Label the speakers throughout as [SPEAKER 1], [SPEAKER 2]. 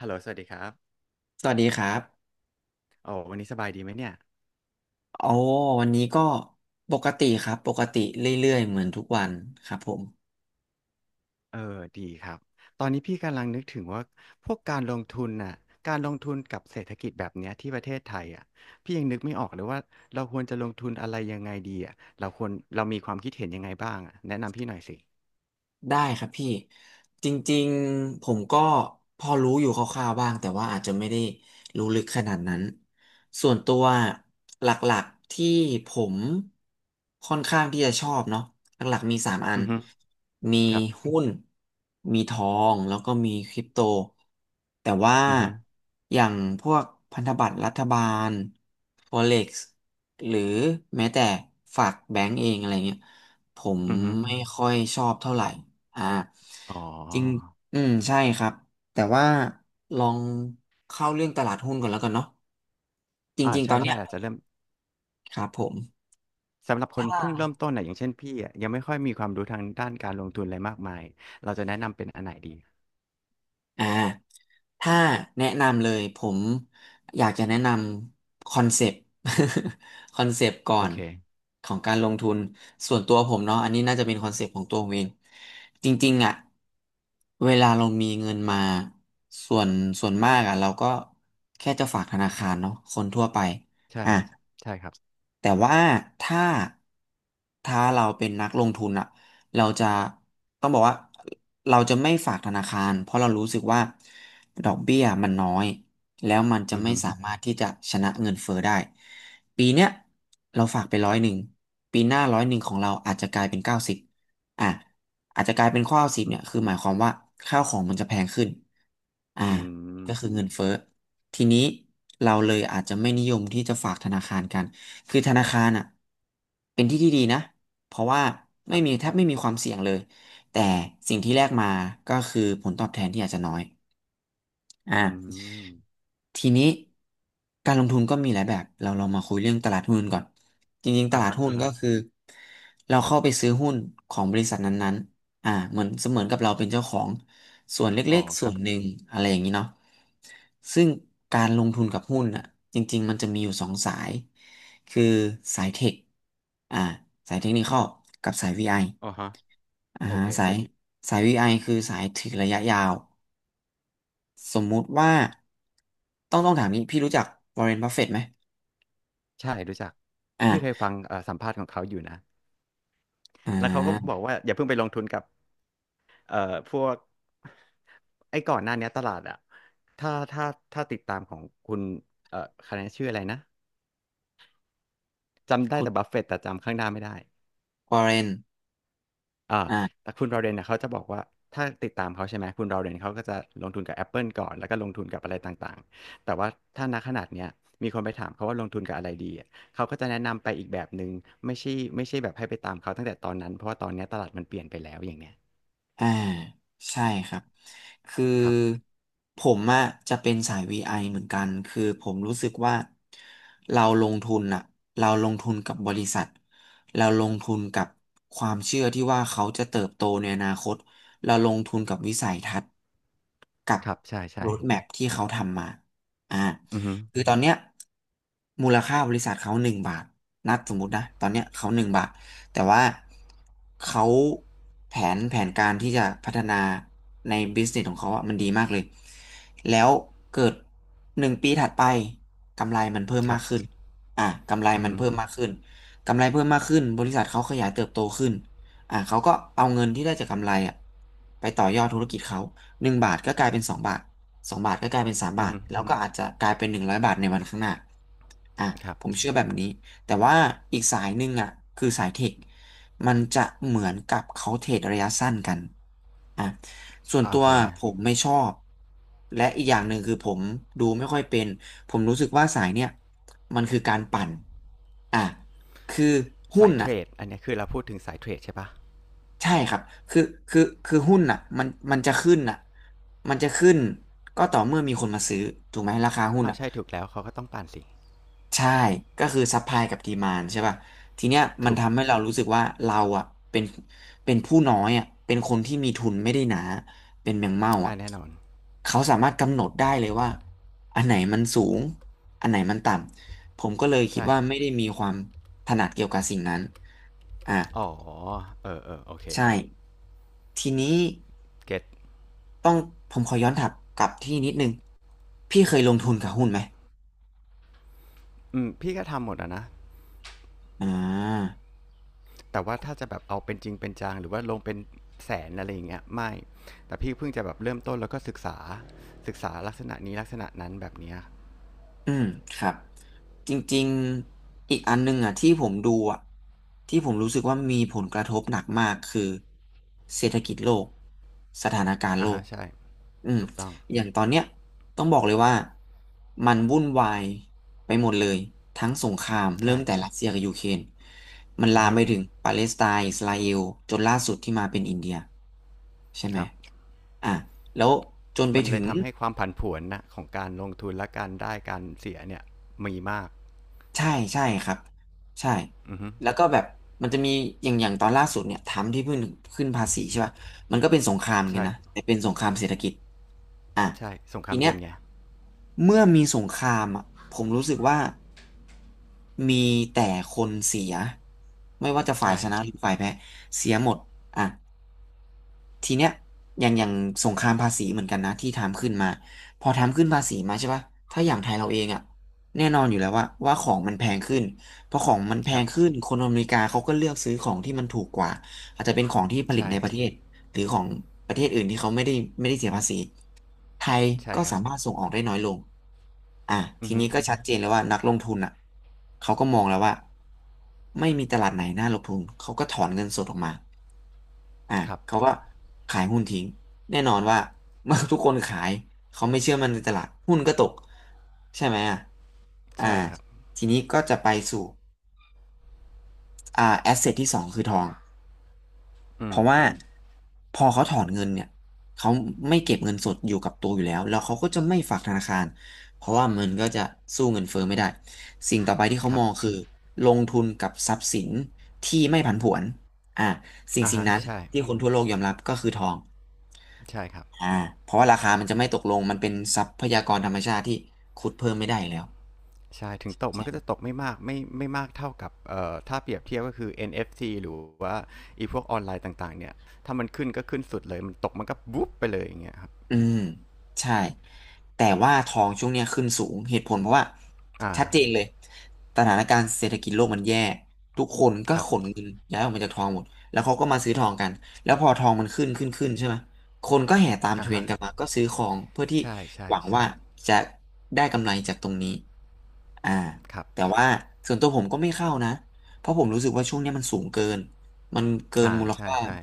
[SPEAKER 1] ฮัลโหลสวัสดีครับ
[SPEAKER 2] สวัสดีครับ
[SPEAKER 1] โอ้วันนี้สบายดีไหมเนี่ย
[SPEAKER 2] โอ้วันนี้ก็ปกติครับ ปกติเรื่อยๆเหมือนทุกวันครับผม
[SPEAKER 1] เออดีครับตอนนี้พี่กำลังนึกถึงว่า พวกการลงทุนน่ะการลงทุนกับเศรษฐกิจแบบเนี้ยที่ประเทศไทยอ่ะพี่ยังนึกไม่ออกเลยว่าเราควรจะลงทุนอะไรยังไงดีอ่ะเรามีความคิดเห็น
[SPEAKER 2] ได้ครับพี่จริงๆผมก็พอรู้อยู่คร่าวๆบ้างแต่ว่าอาจจะไม่ได้รู้ลึกขนาดนั้นส่วนตัวหลักๆที่ผมค่อนข้างที่จะชอบเนาะหลักๆมีสามอัน
[SPEAKER 1] อือฮึ
[SPEAKER 2] มี
[SPEAKER 1] ครับ
[SPEAKER 2] หุ้นมีทองแล้วก็มีคริปโตแต่ว่า
[SPEAKER 1] อือฮึ
[SPEAKER 2] อย่างพวกพันธบัตรรัฐบาล Forex หรือแม้แต่ฝากแบงก์เองอะไรเงี้ยผม
[SPEAKER 1] อือฮึ
[SPEAKER 2] ไม่ค่อยชอบเท่าไหร่ อ่า
[SPEAKER 1] อ๋อ
[SPEAKER 2] จริงอืมใช่ครับแต่ว่าลองเข้าเรื่องตลาดหุ้นก่อนแล้วกันเนาะจ
[SPEAKER 1] อ่า
[SPEAKER 2] ริงๆต
[SPEAKER 1] ใช่
[SPEAKER 2] อน
[SPEAKER 1] ใช่
[SPEAKER 2] เนี้ย
[SPEAKER 1] อาจจะเริ่ม
[SPEAKER 2] ครับผม
[SPEAKER 1] สำหรับคนเพิ่งเริ่มต้นน่ะอย่างเช่นพี่อ่ะยังไม่ค่อยมีความรู้ทางด้านการลงทุนอะไรมากมายเราจะแนะนำเป็นอันไหนดี
[SPEAKER 2] อ่า ถ้าแนะนำเลยผมอยากจะแนะนำคอนเซปต์ คอนเซปต์ก่อ
[SPEAKER 1] โอ
[SPEAKER 2] น
[SPEAKER 1] เค
[SPEAKER 2] ของการลงทุนส่วนตัวผมเนาะอันนี้น่าจะเป็นคอนเซปต์ของตัวผมเองจริงๆอ่ะเวลาเรามีเงินมาส่วนส่วนมากอ่ะเราก็แค่จะฝากธนาคารเนาะคนทั่วไป
[SPEAKER 1] ใช่
[SPEAKER 2] อ่ะ
[SPEAKER 1] ใช่ครับ
[SPEAKER 2] แต่ว่าถ้าถ้าเราเป็นนักลงทุนอะ เราจะต้องบอกว่าเราจะไม่ฝากธนาคารเพราะเรารู้สึกว่าดอกเบี้ยมันน้อยแล้วมันจะ
[SPEAKER 1] อือ
[SPEAKER 2] ไม่
[SPEAKER 1] ฮึ
[SPEAKER 2] สามารถที่จะชนะเงินเฟ้อได้ปีเนี้ยเราฝากไปร้อยหนึ่งปีหน้าร้อยหนึ่งของเราอาจจะกลายเป็นเก้าสิบอ่ะอาจจะกลายเป็นข้อสิบ
[SPEAKER 1] อื
[SPEAKER 2] เนี่ย
[SPEAKER 1] ม
[SPEAKER 2] คือหมายความว่าข้าวของมันจะแพงขึ้นอ่า
[SPEAKER 1] อื
[SPEAKER 2] ก็คือ
[SPEAKER 1] ม
[SPEAKER 2] เงินเฟ้อทีนี้เราเลยอาจจะไม่นิยมที่จะฝากธนาคารกันคือธนาคารอ่ะเป็นที่ที่ดีนะ เพราะว่า
[SPEAKER 1] ค
[SPEAKER 2] ไม่
[SPEAKER 1] รั
[SPEAKER 2] มี
[SPEAKER 1] บ
[SPEAKER 2] แทบไม่มีความเสี่ยงเลยแต่สิ่งที่แลกมาก็คือผลตอบแทนที่อาจจะน้อย
[SPEAKER 1] อื
[SPEAKER 2] อ่า
[SPEAKER 1] ม
[SPEAKER 2] ทีนี้การลงทุนก็มีหลายแบบเราลองมาคุยเรื่องตลาดหุ้นก่อนจริงๆต
[SPEAKER 1] อ่า
[SPEAKER 2] ลาด
[SPEAKER 1] ฮะ
[SPEAKER 2] หุ้
[SPEAKER 1] อ่า
[SPEAKER 2] น
[SPEAKER 1] ฮะ
[SPEAKER 2] ก็คือเราเข้าไปซื้อหุ้นของบริษัทนั้นๆอ่าเหมือนเสมือนกับเราเป็นเจ้าของส่วน
[SPEAKER 1] อ๋
[SPEAKER 2] เล็
[SPEAKER 1] อ
[SPEAKER 2] กๆ
[SPEAKER 1] ค
[SPEAKER 2] ส่
[SPEAKER 1] รั
[SPEAKER 2] ว
[SPEAKER 1] บ
[SPEAKER 2] นหนึ่งอะไรอย่างนี้เนาะซึ่งการลงทุนกับหุ้นอ่ะจริงๆมันจะมีอยู่สองสายคือสายเทคอ่าสายเทคนิคอลกับสาย VI อ
[SPEAKER 1] อ๋อฮะ
[SPEAKER 2] อ่า
[SPEAKER 1] โอ
[SPEAKER 2] ฮะ
[SPEAKER 1] เค
[SPEAKER 2] สาย VI คือสายถือระยะยาว สมมุติว่าต้องถามนี้พี่รู้จักวอร์เรนบัฟเฟตต์ไหม
[SPEAKER 1] ใช่รู้จักพี่เคย
[SPEAKER 2] อ่า
[SPEAKER 1] ฟังสัมภาษณ์ของเขาอยู่นะ
[SPEAKER 2] อ่
[SPEAKER 1] แล้วเขาก็บอ
[SPEAKER 2] า
[SPEAKER 1] กว่า อย่าเพิ่งไปลงทุนกับเอ่อพวก ไอ้ก่อนหน้าเนี้ยตลาดอะถ้าถ้าถ้าติดตามของคุณเอ่อคะแนนชื่ออะไรนะ จำได้
[SPEAKER 2] คุณ
[SPEAKER 1] แต่บัฟเฟตต์แต่จำข้างหน้าไม่ได้
[SPEAKER 2] วอร์เรน
[SPEAKER 1] อ่า
[SPEAKER 2] อ่ะ
[SPEAKER 1] แต่คุณราเรนเนี่ยเขาจะบอกว่าถ้าติดตามเขาใช่ไหมคุณราเรนเขาก็จะลงทุนกับ Apple ก่อนแล้วก็ลงทุนกับอะไรต่างๆแต่ว่าถ้าณขนาดเนี้ยมีคนไปถามเขาว่าลงทุนกับอะไรดีอะเขาก็จะแนะนำไปอีกแบบหนึ่งไม่ใช่ไม่ใช่แบบให้ไปตามเขาตั้งแต่ตอนนั้นเพราะว่าตอนเนี้ยตลาดมันเปลี่ยนไปแล้วอย่างเนี้ย
[SPEAKER 2] อ่าใช่ครับคือ
[SPEAKER 1] ครับ
[SPEAKER 2] ผมอะจะเป็นสายวีไอเหมือนกันคือผมรู้สึกว่าเราลงทุนอะเราลงทุนกับบริษัทเราลงทุนกับความเชื่อที่ว่าเขาจะเติบโตในอนาคตเราลงทุนกับวิสัยทัศน์กับ
[SPEAKER 1] ครับใช่
[SPEAKER 2] โร
[SPEAKER 1] ใช่
[SPEAKER 2] ดแมพที่เขาทำมาอ่า
[SPEAKER 1] อือฮึ
[SPEAKER 2] คือตอนเนี้ยมูลค่าบริษัทเขาหนึ่งบาทนัดสมมตินะตอนเนี้ยเขาหนึ่งบาท แต่ว่าเขาแผนการที่จะพัฒนาในบิสเนสของเขาอะมันดีมากเลยแล้วเกิดหนึ่งปีถัดไปกำไรมันเพิ่ม
[SPEAKER 1] ครั
[SPEAKER 2] มาก
[SPEAKER 1] บ
[SPEAKER 2] ขึ้นอ่ะกำไร
[SPEAKER 1] อือ
[SPEAKER 2] มัน
[SPEAKER 1] ฮึ
[SPEAKER 2] เพิ่มมากขึ้นกำไรเพิ่มมากขึ้นบริษัทเขาขยายเติบโตขึ้นอ่ะเขาก็เอาเงินที่ได้จากกำไรอ่ะไปต่อยอดธุรกิจเขาหนึ่งบาทก็กลายเป็นสองบาทสองบาทก็กลายเป็นสาม
[SPEAKER 1] อื
[SPEAKER 2] บา
[SPEAKER 1] อ
[SPEAKER 2] ท
[SPEAKER 1] ฮึ
[SPEAKER 2] แล้วก็อาจจะกลายเป็นหนึ่งร้อยบาทในวันข้างหน้าอ่ะ
[SPEAKER 1] ครับ
[SPEAKER 2] ผมเชื่อแบบนี้ แต่ว่าอีกสายหนึ่งอ่ะคือสายเทคมันจะเหมือนกับเขาเทรดระยะสั้นกันอ่ะส่วน
[SPEAKER 1] อ่า
[SPEAKER 2] ตั
[SPEAKER 1] โอ
[SPEAKER 2] ว
[SPEAKER 1] เค
[SPEAKER 2] คผมไม่ชอบและอีกอย่างหนึ่งคือผมดูไม่ค่อยเป็นผมรู้สึกว่าสายเนี่ยมันคือการปั่นอ่ะคือหุ้
[SPEAKER 1] สา
[SPEAKER 2] น
[SPEAKER 1] ยเท
[SPEAKER 2] อ่ะ
[SPEAKER 1] รดอันเนี้ยคือเราพูดถึงสายเทรดใช่ปะ
[SPEAKER 2] ใช่ครับคือคือหุ้นอ่ะมันจะขึ้นอ่ะมันจะขึ้นก็ต่อเมื่อมีคนมาซื้อถูกไหมราคาหุ้น
[SPEAKER 1] อ้าว
[SPEAKER 2] อ่ะ
[SPEAKER 1] ใช่ถูกแล้วเขาก็ต้องปั่นสิ
[SPEAKER 2] ใช่ก็คือซัพพลายกับดีมานใช่ป่ะทีเนี้ยมัน
[SPEAKER 1] ถูก
[SPEAKER 2] ทำให้เรารู้สึกว่าเราอ่ะเป็นเป็นผู้น้อยอ่ะเป็นคนที่มีทุนไม่ได้หนาเป็นแมงเม่าอ่ะ
[SPEAKER 1] อ่าแน่นอน
[SPEAKER 2] เขาสามารถกำหนดได้เลยว่าอันไหนมันสูงอันไหนมันต่ำผมก็เลยคิด
[SPEAKER 1] ใช่
[SPEAKER 2] ว่าไม่ได้มีความถนัดเกี่ยวกับสิ่งนั้นอ่ะ
[SPEAKER 1] อ๋อเออเออโอเค
[SPEAKER 2] ใช่ทีนี้
[SPEAKER 1] เก็ต
[SPEAKER 2] ต้องผมขอย้อนถับกลับที่นิดนึงพี่เคยลงทุนกับหุ้นไหม
[SPEAKER 1] อืมพี่ก็ทำหมดอะนะ
[SPEAKER 2] อ่า
[SPEAKER 1] แต่ว่าถ้าจะแบบเอาเป็นจริงเป็นจังหรือว่าลงเป็นแสนอะไรอย่างเงี้ยไม่แต่พี่เพิ่งจะแบบเริ่มต้นแล้วก็ศึกษาลักษณะนี้ลักษณะนั้นแบบเนี้ย
[SPEAKER 2] อืมครับจริงๆอีกอันหนึงอ่ะที่ผมดูอ่ะที่ผมรู้สึกว่ามีผลกระทบหนักมากคือเศรษฐกิจโลกสถานการณ์โล
[SPEAKER 1] อ่าฮะ
[SPEAKER 2] ก
[SPEAKER 1] ใช่
[SPEAKER 2] อืม
[SPEAKER 1] ถูกต้อง
[SPEAKER 2] อย่างตอนเนี้ยต้องบอกเลยว่ามันวุ่นวายไปหมดเลยทั้งสงครามเริ่
[SPEAKER 1] ใช่
[SPEAKER 2] มแต่รัสเซียกับยูเครนมัน
[SPEAKER 1] อื
[SPEAKER 2] ลา
[SPEAKER 1] อ
[SPEAKER 2] ม
[SPEAKER 1] ฮึ
[SPEAKER 2] ไปถึงปาเลสไตน์อิสราเอลจนล่าสุดที่มาเป็นอินเดียใช่ไหม
[SPEAKER 1] ครับ
[SPEAKER 2] อ่ะแล้วจนไป
[SPEAKER 1] มันเล
[SPEAKER 2] ถึ
[SPEAKER 1] ย
[SPEAKER 2] ง
[SPEAKER 1] ทำให้ความผันผวนนะของการลงทุนและการได้การเสียเนี่ยมีมาก
[SPEAKER 2] ใช่ใช่ครับใช่
[SPEAKER 1] อือฮึ
[SPEAKER 2] แล้วก็แบบมันจะมีอย่างตอนล่าสุดเนี่ยทำที่เพิ่งขึ้นภาษีใช่ป่ะมันก็เป็นสงครามเหมือนกัน
[SPEAKER 1] ใช่
[SPEAKER 2] นะแต่เป็นสงครามเศรษฐกิจอ่ะ
[SPEAKER 1] ใช่สงค
[SPEAKER 2] ที
[SPEAKER 1] ราม
[SPEAKER 2] เนี้ย
[SPEAKER 1] เย็นไง
[SPEAKER 2] เมื่อมีสงครามอ่ะผมรู้สึกว่ามีแต่คนเสียไม่ว่าจะฝ่าย
[SPEAKER 1] ใช่
[SPEAKER 2] ชนะหรือฝ่ายแพ้เสียหมดอ่ะ ทีเนี้ยอย่างสงครามภาษีเหมือนกันนะที่ถามขึ้นมาพอทำขึ้นภาษีมาใช่ปะถ้าอย่างไทยเราเองอ่ะแน่นอนอยู่แล้วว่าของมันแพงขึ้นพอของมันแพ
[SPEAKER 1] ครั
[SPEAKER 2] ง
[SPEAKER 1] บ
[SPEAKER 2] ขึ้นคนอเมริกาเขาก็เลือกซื้อของที่มันถูกกว่าอาจจะเป็นของที่ผลิต
[SPEAKER 1] ใช่
[SPEAKER 2] ในประเทศหรือของประเทศอื่นที่เขาไม่ได้เสียภาษีไทย
[SPEAKER 1] ใช่
[SPEAKER 2] ก็
[SPEAKER 1] ครั
[SPEAKER 2] สา
[SPEAKER 1] บ
[SPEAKER 2] มารถส่งออกได้น้อยลงอ่ะ
[SPEAKER 1] อื
[SPEAKER 2] ที
[SPEAKER 1] อฮึ
[SPEAKER 2] นี้ก็ชัดเจนแล้วว่านักลงทุนอ่ะเขาก็มองแล้วว่าไม่มีตลาดไหนน่าลงทุนเขาก็ถอนเงินสดออกมา อ่ะ
[SPEAKER 1] ครับ
[SPEAKER 2] เขาก็ขายหุ้นทิ้งแน่นอนว่า เมื่อทุกคนขายเขาไม่เชื่อมันในตลาดหุ้นก็ตกใช่ไหมอ่ะอ่า
[SPEAKER 1] ใช่ครับ
[SPEAKER 2] ทีนี้ก็จะไปสู่แอสเซทที่สองคือทองเพ
[SPEAKER 1] อืม
[SPEAKER 2] ราะว่าพอเขาถอนเงินเนี่ยเขาไม่เก็บเงินสดอยู่กับตัวอยู่แล้วแล้วเขาก็จะไม่ฝากธนาคารเพราะว่ามันก็จะสู้เงินเฟ้อไม่ได้สิ่งต่อไปที่เขา
[SPEAKER 1] ครั
[SPEAKER 2] ม
[SPEAKER 1] บ
[SPEAKER 2] องคือลงทุนกับทรัพย์สินที่ไม่ผันผวนอ่าสิ่ง
[SPEAKER 1] อะ
[SPEAKER 2] สิ่ง
[SPEAKER 1] ฮะ
[SPEAKER 2] นั้น
[SPEAKER 1] ใช่
[SPEAKER 2] ที่คนทั่วโลกยอมรับก็คือทอง
[SPEAKER 1] ใช่ครับ
[SPEAKER 2] อ่าเพราะว่าราคามันจะไม่ตกลง มันเป็นทรัพยากรธรรมชาติที่ขุดเพิ่มไม่ได้อยู่แล้ว
[SPEAKER 1] ใช่ถึงตกมันก็จะตกไม่มากไม่มากเท่ากับเอ่อถ้าเปรียบเทียบก็คือ NFC หรือว่าไอีพวกออนไลน์ต่างๆเนี่ยถ้ามันขึ้นก็ขึ้นสุดเลยมันตกมันก็บุ๊บไปเลยอย่างเงี้ยครับ
[SPEAKER 2] อืมใช่แต่ว่าทองช่วงเนี้ยขึ้นสูงเหตุผลเพราะว่า
[SPEAKER 1] อ่า
[SPEAKER 2] ชัดเจนเลยสถานการณ์เศรษฐกิจโลกมันแย่ทุกคนก็
[SPEAKER 1] ครับ
[SPEAKER 2] ขนเงินย้ายออกมาจากทองหมดแล้วเขาก็มาซื้อทองกันแล้วพอทองมันขึ้นใช่ไหมคนก็แห่ตามเท
[SPEAKER 1] อ่
[SPEAKER 2] รน
[SPEAKER 1] ฮะ
[SPEAKER 2] ด์กันมาก็ซื้อของเพื่อที่
[SPEAKER 1] ใช่ใช่
[SPEAKER 2] หวัง
[SPEAKER 1] ใช่
[SPEAKER 2] ว่าจะได้กำไรจากตรงนี้อ่า
[SPEAKER 1] ครับ
[SPEAKER 2] แต่ว่าส่วนตัวผมก็ไม่เข้านะเพราะผมรู้สึกว่าช่วงเนี้ยมันสูงเกินมันเกิน
[SPEAKER 1] อ่า
[SPEAKER 2] มูล
[SPEAKER 1] ใช่
[SPEAKER 2] ค่า
[SPEAKER 1] ใช่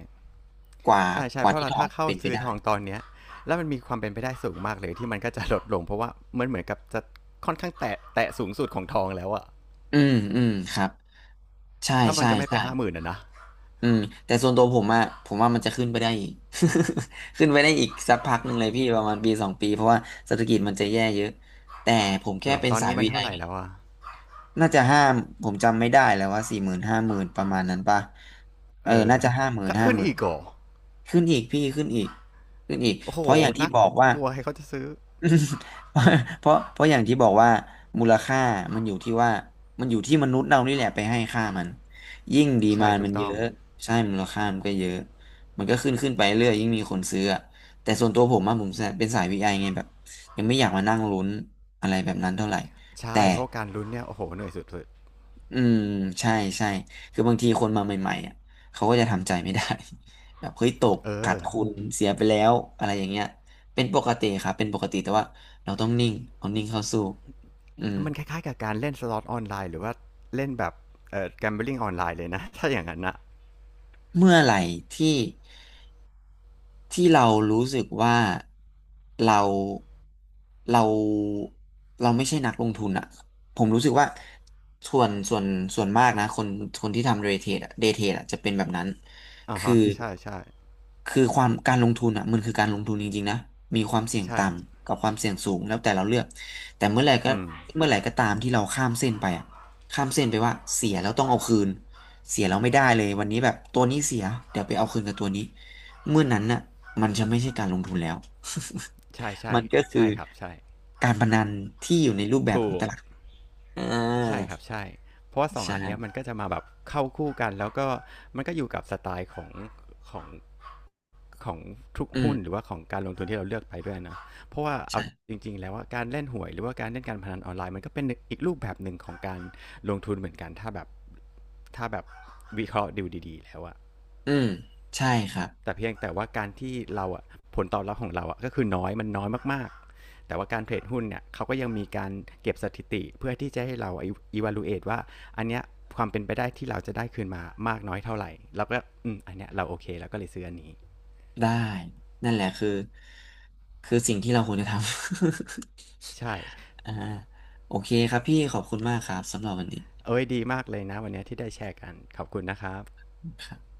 [SPEAKER 2] กว่า
[SPEAKER 1] ใช่ใช่
[SPEAKER 2] กว่า
[SPEAKER 1] เพราะ
[SPEAKER 2] ที่
[SPEAKER 1] เรา
[SPEAKER 2] ทอง
[SPEAKER 1] ถ้าเข้า
[SPEAKER 2] เป็นไป
[SPEAKER 1] ซื้อ
[SPEAKER 2] ได้
[SPEAKER 1] ทองตอนเนี้ยแล้วมันมีความเป็นไปได้สูงมากเลยที่มันก็จะลดลงเพราะว่ามันเหมือนกับจะค่อนข้างแตะสูงสุดของทองแล้วอะ
[SPEAKER 2] อืมครับใช่
[SPEAKER 1] ถ้ามัน
[SPEAKER 2] ใช่
[SPEAKER 1] จะไม่ไป
[SPEAKER 2] ใช่
[SPEAKER 1] 50,000อะนะ
[SPEAKER 2] อืมแต่ส่วนตัวผมอะผมว่ามันจะขึ้นไปได้อีก ขึ้นไปได้อีกสักพักหนึ่งเลยพี่ประมาณปีสองปีเพราะว่าเศรษฐกิจมันจะแย่เยอะแต่ผมแค่
[SPEAKER 1] เหรอ
[SPEAKER 2] เป็น
[SPEAKER 1] ตอน
[SPEAKER 2] สาย
[SPEAKER 1] นี้มั
[SPEAKER 2] วี
[SPEAKER 1] น
[SPEAKER 2] ไอ
[SPEAKER 1] เท่าไหร่แล้ว
[SPEAKER 2] ไง
[SPEAKER 1] อะ
[SPEAKER 2] น่าจะห้ามผมจำไม่ได้แล้วว่าสี่หมื่นห้าหมื่นประมาณนั้นป่ะเออ
[SPEAKER 1] เออ
[SPEAKER 2] น่าจะห้าหมื่น
[SPEAKER 1] จะ
[SPEAKER 2] ห้า
[SPEAKER 1] ขึ้น
[SPEAKER 2] หมื่น
[SPEAKER 1] อีกเหรอ
[SPEAKER 2] ขึ้นอีกพี่ขึ้นอีก
[SPEAKER 1] โอ้โห
[SPEAKER 2] เพราะอย่างที่
[SPEAKER 1] น่า
[SPEAKER 2] บอกว่า
[SPEAKER 1] กลัวให้เขาจะซื้อ
[SPEAKER 2] อืม เพราะอย่างที่บอกว่ามูลค่ามันอยู่ที่ว่ามันอยู่ที่มนุษย์เรานี่แหละไปให้ค่ามันยิ่งดี
[SPEAKER 1] ใช่
[SPEAKER 2] มาน
[SPEAKER 1] ถู
[SPEAKER 2] มั
[SPEAKER 1] ก
[SPEAKER 2] นเย
[SPEAKER 1] ต้อง
[SPEAKER 2] อะใช่มูลค่ามันก็เยอะมันก็ขึ้นไปเรื่อยยิ่งมีคนซื้ออะแต่ส่วนตัวผมอะผมเป็นสายวีไอไงแบบยังไม่อยากมานั่งลุ้นอะไรแบบนั้นเท่าไหร่
[SPEAKER 1] ใช่
[SPEAKER 2] แต่
[SPEAKER 1] เพราะว่าการลุ้นเนี่ยโอ้โหเหนื่อยสุด
[SPEAKER 2] อืมใช่ใช่คือบางทีคนมาใหม่ๆอ่ะเขาก็จะทำใจไม่ได้ แบบเฮ้ยตก
[SPEAKER 1] ๆเอ
[SPEAKER 2] ขาด
[SPEAKER 1] อ
[SPEAKER 2] ทุนเสียไปแล้วอะไรอย่างเงี้ยเป็นปกติครับเป็นปกติแต่ว่าเราต้องนิ่งเอานิ่งเข้าสู้อืม
[SPEAKER 1] มันคล้ายๆกับการเล่นสล็อตออนไลน์หรือว่าเล่นแบบแกมเบลิงออนไลน์เลยนะ ถ้าอย่างนั้นนะ
[SPEAKER 2] เมื่อไหร่ที่ ที่เรารู้สึกว่าเราเราเราไม่ใช่นักลงทุนอะผมรู้สึกว่าส่วนส่วนส่วนมากนะคนคนที่ทำเดย์เทรดอะเดย์เทรดอะจะเป็นแบบนั้น
[SPEAKER 1] อ่า
[SPEAKER 2] คือ
[SPEAKER 1] ฮะใช่ใช่
[SPEAKER 2] คือความการลงทุนอ่ะมันคือการลงทุนจริงๆนะมีความเสี่ยง
[SPEAKER 1] ใช่
[SPEAKER 2] ต่ำกับความเสี่ยงสูงแล้วแต่เราเลือกแต่เมื่อไหร่ก็
[SPEAKER 1] อืม
[SPEAKER 2] เมื่อไหร่ก็ตามที่เราข้ามเส้นไปอ่ะข้ามเส้นไปว่าเสียแล้วต้องเอาคืนเสียแล้วไม่ได้เลยวันนี้แบบตัวนี้เสียเดี๋ยวไปเอาคืนกับตัวนี้ เมื่อนั้นน่ะมันจะไม่ใช่การลงทุนแล้ว
[SPEAKER 1] ใช่ ใช่
[SPEAKER 2] มันก็คือ
[SPEAKER 1] ใช่ครับใช่
[SPEAKER 2] การพนันที่อยู่ในรูปแบบ
[SPEAKER 1] ถู
[SPEAKER 2] ของต
[SPEAKER 1] ก
[SPEAKER 2] ลาดหุ้นอ่า
[SPEAKER 1] ใช่ครับใช่เพราะว่าสอ
[SPEAKER 2] ใ
[SPEAKER 1] งอันเนี้ยมัน
[SPEAKER 2] ช่
[SPEAKER 1] ก็จะมาแบบเข้าคู่กันแล้วก็มันก็อยู่กับสไตล์ของ ของทุก
[SPEAKER 2] อื
[SPEAKER 1] หุ้นหรือ
[SPEAKER 2] ม
[SPEAKER 1] ว่าของการลงทุนที่เราเลือกไปด้วยนะเพราะว่าเอา
[SPEAKER 2] ใช่
[SPEAKER 1] จริงๆแล้วว่าการเล่นหวยหรือว่าการเล่นการพนันออนไลน์มันก็เป็นอีกรูปแบบหนึ่งของการลงทุนเหมือนกันถ้าแบบวิเคราะห์ดูดีๆแล้วอะ
[SPEAKER 2] อืมใช่ครับ
[SPEAKER 1] แต่เพียงแต่ว่าการที่เราอะผลตอบรับของเราอะก็คือน้อยมันน้อยมากๆแต่ว่าการเทรดหุ้นเนี่ยเขาก็ยังมีการเก็บสถิติเพื่อที่จะให้เรา evaluate ว่าอันเนี้ยความเป็นไปได้ที่เราจะได้คืนมามากน้อยเท่าไหร่แล้วก็อืมอันเนี้ยเราโอเคแล้วก็เลยซื้ออันนี้
[SPEAKER 2] ได้นั่นแหละคือสิ่งที่เราควรจะทำ
[SPEAKER 1] ใช่
[SPEAKER 2] อ่าโอเคครับพี่ขอบคุณมากครับสำหรับวันนี้
[SPEAKER 1] เอ้ยดีมากเลยนะวันนี้ที่ได้แชร์กันขอบคุณนะครับ
[SPEAKER 2] ครับ